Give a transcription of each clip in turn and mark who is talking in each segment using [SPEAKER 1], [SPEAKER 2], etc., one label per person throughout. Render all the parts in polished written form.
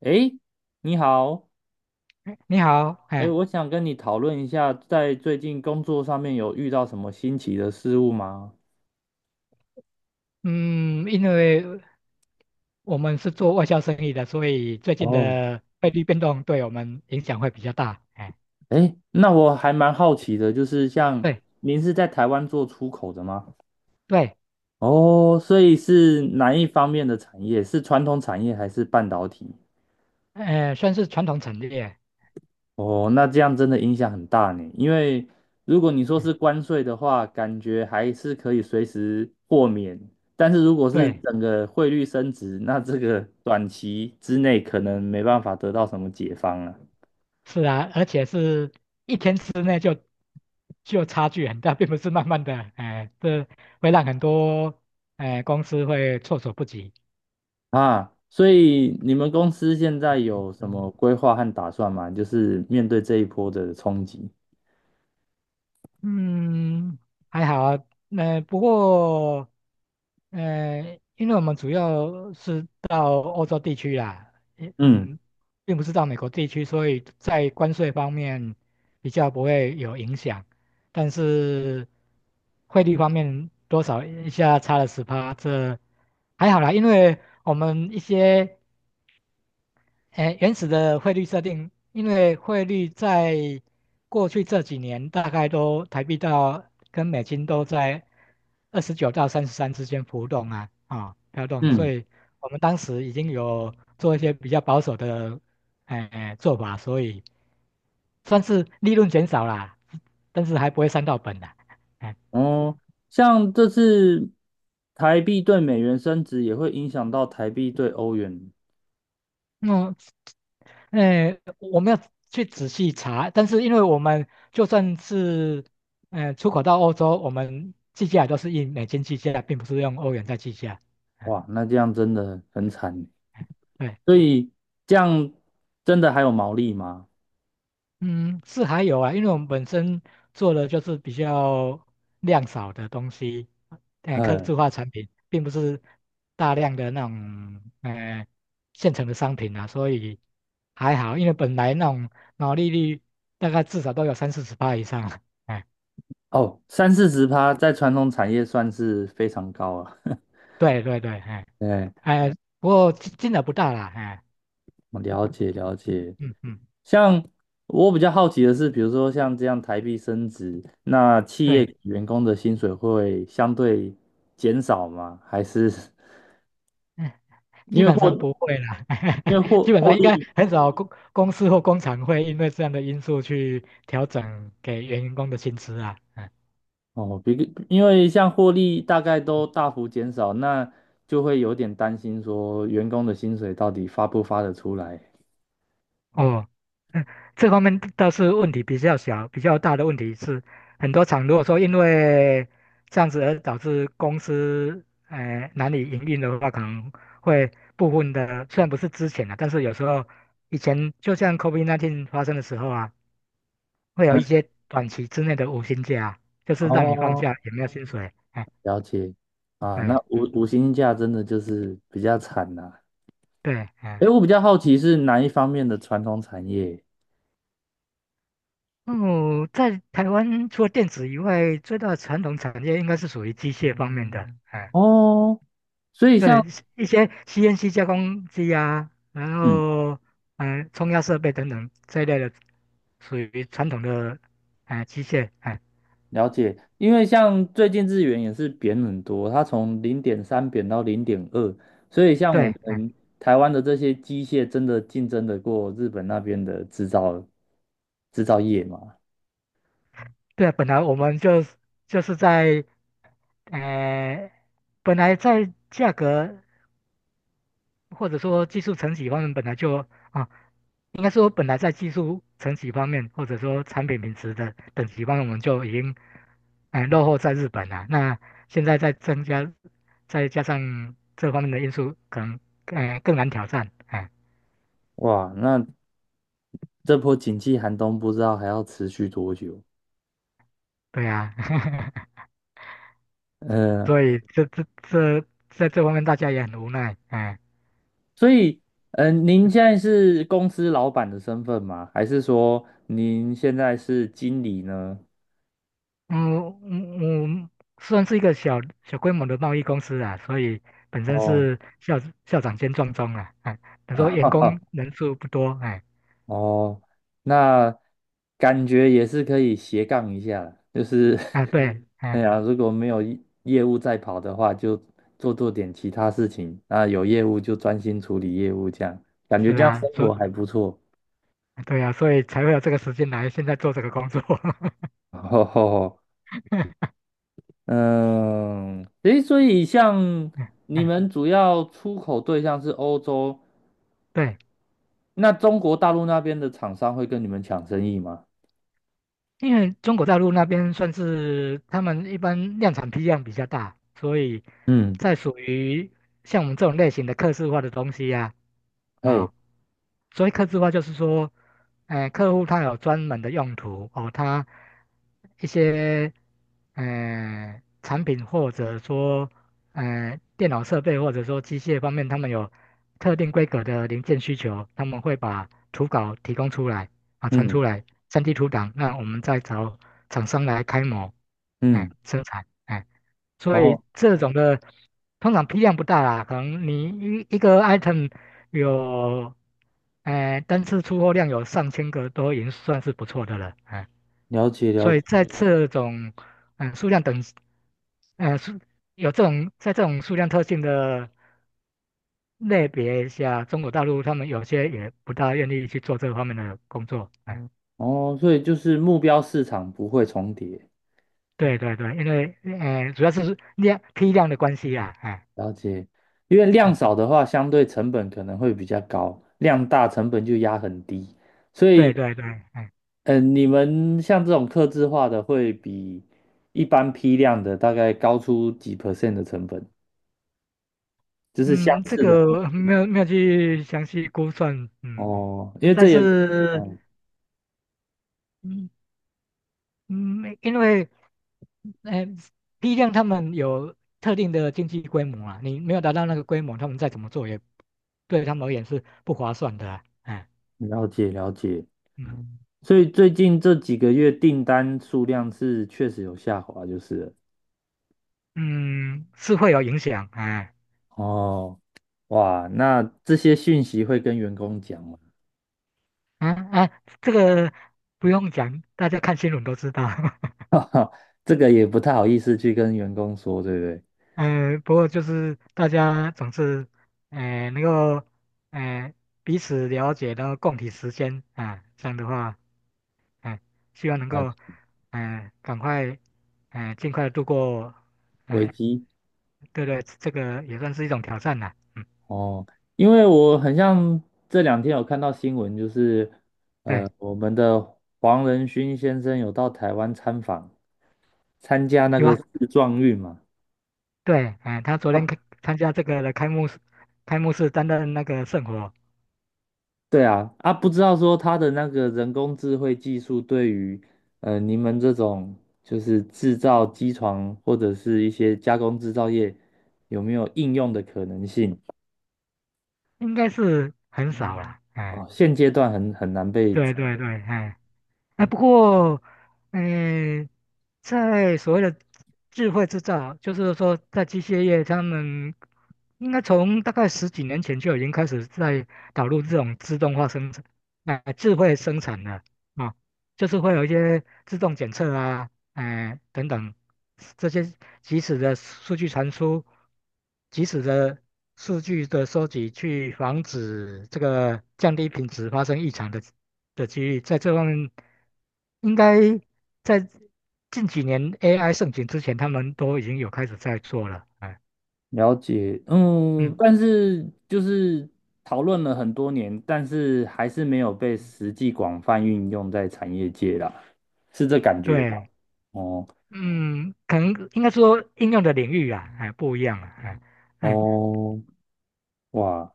[SPEAKER 1] 诶，你好，
[SPEAKER 2] 哎你好，
[SPEAKER 1] 诶，
[SPEAKER 2] 哎。
[SPEAKER 1] 我想跟你讨论一下，在最近工作上面有遇到什么新奇的事物吗？
[SPEAKER 2] 嗯，因为我们是做外销生意的，所以最近
[SPEAKER 1] 哦，
[SPEAKER 2] 的汇率变动对我们影响会比较大。哎，
[SPEAKER 1] 诶，那我还蛮好奇的，就是像
[SPEAKER 2] 对
[SPEAKER 1] 您是在台湾做出口的吗？
[SPEAKER 2] 对，
[SPEAKER 1] 哦，所以是哪一方面的产业？是传统产业还是半导体？
[SPEAKER 2] 算是传统产业。
[SPEAKER 1] 哦，那这样真的影响很大呢。因为如果你说
[SPEAKER 2] 哎，
[SPEAKER 1] 是关税的话，感觉还是可以随时豁免。但是如果是
[SPEAKER 2] 对，
[SPEAKER 1] 整个汇率升值，那这个 短期之内可能没办法得到什么解放了
[SPEAKER 2] 是啊。而且是一天之内就差距很大，并不是慢慢的。哎，这会让很多哎公司会措手不及。
[SPEAKER 1] 啊。所以你们公司现在有什
[SPEAKER 2] 嗯
[SPEAKER 1] 么规划和打算吗？就是面对这一波的冲击。
[SPEAKER 2] 嗯，还好啊。那、不过，因为我们主要是到欧洲地区啦，也
[SPEAKER 1] 嗯
[SPEAKER 2] 嗯，并不是到美国地区，所以在关税方面比较不会有影响。但是汇率方面多少一下差了十趴，这还好啦，因为我们一些。哎，原始的汇率设定。因为汇率在过去这几年大概都台币到跟美金都在29到33之间浮动啊。啊、飘动，所
[SPEAKER 1] 嗯，
[SPEAKER 2] 以我们当时已经有做一些比较保守的哎做法，所以算是利润减少啦，但是还不会伤到本啦。哎。
[SPEAKER 1] 哦，像这次台币对美元升值，也会影响到台币对欧元。
[SPEAKER 2] 嗯，哎，我们要去仔细查。但是因为我们就算是出口到欧洲，我们计价也都是以美金计价，并不是用欧元在计价。嗯
[SPEAKER 1] 哇，那这样真的很惨欸，
[SPEAKER 2] 嗯，对。
[SPEAKER 1] 所以这样真的还有毛利吗？
[SPEAKER 2] 嗯，是还有啊。因为我们本身做的就是比较量少的东西。哎，客
[SPEAKER 1] 呃，
[SPEAKER 2] 制化产品，并不是大量的那种，现成的商品啊。所以还好，因为本来那种毛利率大概至少都有30-40%以上了。哎，
[SPEAKER 1] 哦，三四十趴在传统产业算是非常高了。
[SPEAKER 2] 对对对，哎，
[SPEAKER 1] 对，
[SPEAKER 2] 哎，不过金额不大啦，哎。
[SPEAKER 1] 我了解了解。
[SPEAKER 2] 嗯嗯，
[SPEAKER 1] 像我比较好奇的是，比如说像这样台币升值，那企业
[SPEAKER 2] 对。
[SPEAKER 1] 给员工的薪水会相对减少吗？还是
[SPEAKER 2] 嗯基
[SPEAKER 1] 因为
[SPEAKER 2] 本上
[SPEAKER 1] 获
[SPEAKER 2] 不会啦。
[SPEAKER 1] 因为 获
[SPEAKER 2] 基本
[SPEAKER 1] 获
[SPEAKER 2] 上应该
[SPEAKER 1] 利？
[SPEAKER 2] 很少公司或工厂会因为这样的因素去调整给员工的薪资啊。嗯。
[SPEAKER 1] 哦，因为像获利大概都大幅减少，那就会有点担心说员工的薪水到底发不发得出来。
[SPEAKER 2] 哦。嗯，这方面倒是问题比较小，比较大的问题是，很多厂如果说因为这样子而导致公司难以营运的话，可能会部分的虽然不是之前啊，但是有时候以前就像 COVID-19 发生的时候啊。会有一些短期之内的无薪假，就是让你放
[SPEAKER 1] 哦，
[SPEAKER 2] 假也没有薪水。哎，
[SPEAKER 1] 了解啊，那
[SPEAKER 2] 对，嗯，
[SPEAKER 1] 五星假真的就是比较惨呐、
[SPEAKER 2] 对，哎。
[SPEAKER 1] 诶，我比较好奇是哪一方面的传统产业
[SPEAKER 2] 哦，在台湾除了电子以外，最大的传统产业应该是属于机械方面的。哎，
[SPEAKER 1] 哦，所以
[SPEAKER 2] 对，
[SPEAKER 1] 像
[SPEAKER 2] 一些 CNC 加工机啊，然
[SPEAKER 1] 嗯，
[SPEAKER 2] 后冲压设备等等这一类的，属于传统的哎机械。哎，
[SPEAKER 1] 了解，因为像最近日元也是贬很多，它从零点三贬到零点二，所以像
[SPEAKER 2] 对，
[SPEAKER 1] 我
[SPEAKER 2] 哎，
[SPEAKER 1] 们台湾的这些机械真的竞争得过日本那边的制造业吗？
[SPEAKER 2] 对啊，本来我们就是在呃。本来在价格或者说技术层级方面本来就啊，应该说本来在技术层级方面，或者说产品品质的等级方面，我们就已经落后在日本了。那现在再增加，再加上这方面的因素，可能更难挑战。哎，
[SPEAKER 1] 哇，那这波景气寒冬不知道还要持续多久？
[SPEAKER 2] 对啊，
[SPEAKER 1] 嗯、
[SPEAKER 2] 所以这在这方面大家也很无奈。哎。
[SPEAKER 1] 所以您现在是公司老板的身份吗？还是说您现在是经理呢？
[SPEAKER 2] 嗯嗯嗯，算是一个小小规模的贸易公司啊，所以本身
[SPEAKER 1] 哦，
[SPEAKER 2] 是校长兼撞钟啊，哎，他说 员
[SPEAKER 1] 哈哈。
[SPEAKER 2] 工人数不多，哎，
[SPEAKER 1] 哦，那感觉也是可以斜杠一下啦，就是
[SPEAKER 2] 啊 对，
[SPEAKER 1] 哎
[SPEAKER 2] 哎，
[SPEAKER 1] 呀，如果没有业务在跑的话，就做做点其他事情，那有业务就专心处理业务，这样感觉
[SPEAKER 2] 是
[SPEAKER 1] 这样
[SPEAKER 2] 啊，
[SPEAKER 1] 生活还不错。
[SPEAKER 2] 对啊，所以才会有这个时间来现在做这个工作。
[SPEAKER 1] 吼吼吼，
[SPEAKER 2] 嗯
[SPEAKER 1] 嗯，诶，所以像你
[SPEAKER 2] 嗯，
[SPEAKER 1] 们主要出口对象是欧洲，
[SPEAKER 2] 对。
[SPEAKER 1] 那中国大陆那边的厂商会跟你们抢生意吗？
[SPEAKER 2] 因为中国大陆那边算是他们一般量产批量比较大，所以
[SPEAKER 1] 嗯，
[SPEAKER 2] 在属于像我们这种类型的刻字化的东西呀、啊，
[SPEAKER 1] 哎，
[SPEAKER 2] 啊、所以刻字化就是说，客户他有专门的用途哦，他一些产品或者说电脑设备或者说机械方面，他们有特定规格的零件需求，他们会把图稿提供出来啊，传
[SPEAKER 1] 嗯
[SPEAKER 2] 出来。3D 图档，那我们再找厂商来开模，
[SPEAKER 1] 嗯，
[SPEAKER 2] 哎，生产，哎，所以
[SPEAKER 1] 哦，
[SPEAKER 2] 这种的通常批量不大啦，可能你一个 item 有，哎，单次出货量有上千个都已经算是不错的了，哎，
[SPEAKER 1] 了解了
[SPEAKER 2] 所以
[SPEAKER 1] 解。
[SPEAKER 2] 在这种嗯数量等，呃数有这种在这种数量特性的类别下，中国大陆他们有些也不大愿意去做这方面的工作。哎，
[SPEAKER 1] 哦，所以就是目标市场不会重叠，
[SPEAKER 2] 对对对，因为主要是批量的关系啊，哎。
[SPEAKER 1] 了解。因为量
[SPEAKER 2] 嗯，
[SPEAKER 1] 少的话，相对成本可能会比较高，量大成本就压很低。所
[SPEAKER 2] 对
[SPEAKER 1] 以，
[SPEAKER 2] 对对，哎，
[SPEAKER 1] 你们像这种客制化的，会比一般批量的大概高出几 percent 的成本，就是相
[SPEAKER 2] 嗯，这
[SPEAKER 1] 似的
[SPEAKER 2] 个没有去详细估算，嗯。
[SPEAKER 1] 哦。因为
[SPEAKER 2] 但
[SPEAKER 1] 这也，
[SPEAKER 2] 是
[SPEAKER 1] 嗯，
[SPEAKER 2] 嗯嗯，因为呃批量他们有特定的经济规模啊，你没有达到那个规模，他们再怎么做也对他们而言是不划算的啊哎。
[SPEAKER 1] 了解了解。
[SPEAKER 2] 嗯
[SPEAKER 1] 所以最近这几个月订单数量是确实有下滑，就是了
[SPEAKER 2] 嗯，是会有影响。哎，
[SPEAKER 1] 哦。哇，那这些讯息会跟员工讲吗？
[SPEAKER 2] 啊啊，这个不用讲，大家看新闻都知道。
[SPEAKER 1] 哈，这个也不太好意思去跟员工说，对不对？
[SPEAKER 2] 嗯，不过就是大家总是，哎、能够，哎、彼此了解，然后共体时间啊。这样的话，哎、希望能
[SPEAKER 1] 了
[SPEAKER 2] 够，
[SPEAKER 1] 解
[SPEAKER 2] 哎、赶快，哎、尽快度过，
[SPEAKER 1] 危
[SPEAKER 2] 哎、
[SPEAKER 1] 机
[SPEAKER 2] 对对，这个也算是一种挑战了。嗯。
[SPEAKER 1] 哦，因为我很像这两天有看到新闻，就是
[SPEAKER 2] 对，
[SPEAKER 1] 我们的黄仁勋先生有到台湾参访，参加那
[SPEAKER 2] 有
[SPEAKER 1] 个
[SPEAKER 2] 啊，
[SPEAKER 1] 世壮运嘛。
[SPEAKER 2] 对，哎、他昨天
[SPEAKER 1] 他
[SPEAKER 2] 参加这个的开幕式，开幕式担任那个圣火。
[SPEAKER 1] 对啊，啊，不知道说它的那个人工智慧技术对于你们这种就是制造机床或者是一些加工制造业有没有应用的可能性
[SPEAKER 2] 应该是很少了，哎、
[SPEAKER 1] 啊？现阶段很难被
[SPEAKER 2] 对对对，哎、哎，不过，嗯、在所谓的智慧制造，就是说，在机械业，他们应该从大概十几年前就已经开始在导入这种自动化生产，啊、智慧生产了啊、就是会有一些自动检测啊，哎、等等，这些即时的数据传输，即时的数据的收集，去防止这个降低品质发生异常的。机遇，在这方面应该在近几年 AI 盛行之前，他们都已经有开始在做了。哎。
[SPEAKER 1] 了解，嗯，
[SPEAKER 2] 嗯。
[SPEAKER 1] 但是就是讨论了很多年，但是还是没有被实际广泛运用在产业界啦，是这感觉吧？
[SPEAKER 2] 对。
[SPEAKER 1] 哦
[SPEAKER 2] 嗯，可能应该说应用的领域啊，哎，不一样啊，哎，哎。
[SPEAKER 1] 哦，哇，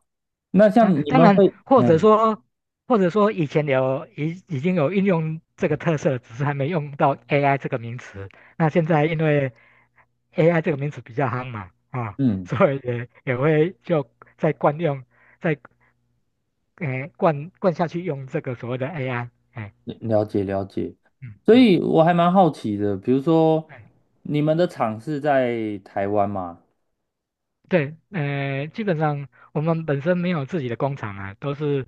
[SPEAKER 1] 那
[SPEAKER 2] 啊，
[SPEAKER 1] 像你
[SPEAKER 2] 当
[SPEAKER 1] 们会，
[SPEAKER 2] 然，或者
[SPEAKER 1] 嗯
[SPEAKER 2] 说，以前有已经有应用这个特色，只是还没用到 AI 这个名词。那现在因为 AI 这个名词比较夯嘛，啊。
[SPEAKER 1] 嗯。
[SPEAKER 2] 所以也会就在惯用。在哎，灌下去用这个所谓的 AI。哎、
[SPEAKER 1] 了解了解，
[SPEAKER 2] 嗯
[SPEAKER 1] 所
[SPEAKER 2] 嗯。
[SPEAKER 1] 以我还蛮好奇的，比如说
[SPEAKER 2] 哎
[SPEAKER 1] 你们的厂是在台湾吗？
[SPEAKER 2] 对，基本上我们本身没有自己的工厂啊，都是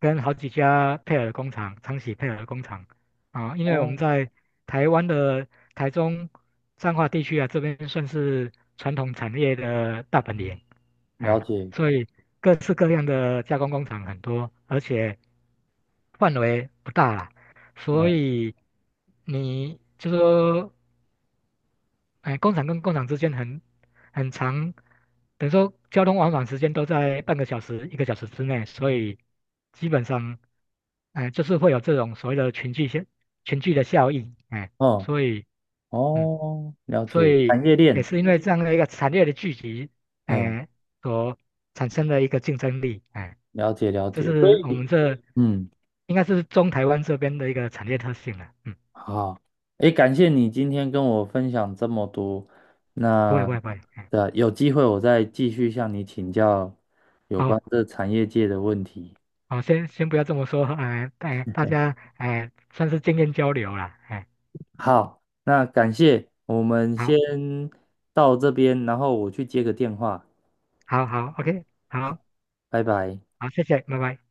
[SPEAKER 2] 跟好几家配合的工厂、长期配合的工厂啊。因为我们
[SPEAKER 1] 哦，
[SPEAKER 2] 在台湾的台中彰化地区啊。这边算是传统产业的大本营，
[SPEAKER 1] 了
[SPEAKER 2] 哎。
[SPEAKER 1] 解，
[SPEAKER 2] 所以各式各样的加工工厂很多，而且范围不大啦，所
[SPEAKER 1] 嗯
[SPEAKER 2] 以你就说哎，工厂跟工厂之间很长，等于说交通往返时间都在半个小时、一个小时之内。所以基本上，哎，就是会有这种所谓的群聚的效应，哎。
[SPEAKER 1] 嗯，
[SPEAKER 2] 所以嗯，
[SPEAKER 1] 哦，了
[SPEAKER 2] 所
[SPEAKER 1] 解，
[SPEAKER 2] 以
[SPEAKER 1] 产业
[SPEAKER 2] 也
[SPEAKER 1] 链，
[SPEAKER 2] 是因为这样的一个产业的聚集，
[SPEAKER 1] 哎，
[SPEAKER 2] 哎，所产生的一个竞争力，哎。
[SPEAKER 1] 了解了
[SPEAKER 2] 这
[SPEAKER 1] 解，所
[SPEAKER 2] 是我们
[SPEAKER 1] 以
[SPEAKER 2] 这
[SPEAKER 1] 嗯，
[SPEAKER 2] 应该是中台湾这边的一个产业特性了。嗯。
[SPEAKER 1] 好，哎，感谢你今天跟我分享这么多，
[SPEAKER 2] 不会
[SPEAKER 1] 那
[SPEAKER 2] 不会不会，哎。
[SPEAKER 1] 的有机会我再继续向你请教有关
[SPEAKER 2] 哦。
[SPEAKER 1] 这产业界的问题。
[SPEAKER 2] 好，先不要这么说，哎、哎，大家哎、算是经验交流了，哎、
[SPEAKER 1] 好，那感谢，我们
[SPEAKER 2] 好，
[SPEAKER 1] 先到这边，然后我去接个电话。
[SPEAKER 2] 好，好，OK，好，
[SPEAKER 1] 好，拜拜。
[SPEAKER 2] 好，谢谢，拜拜。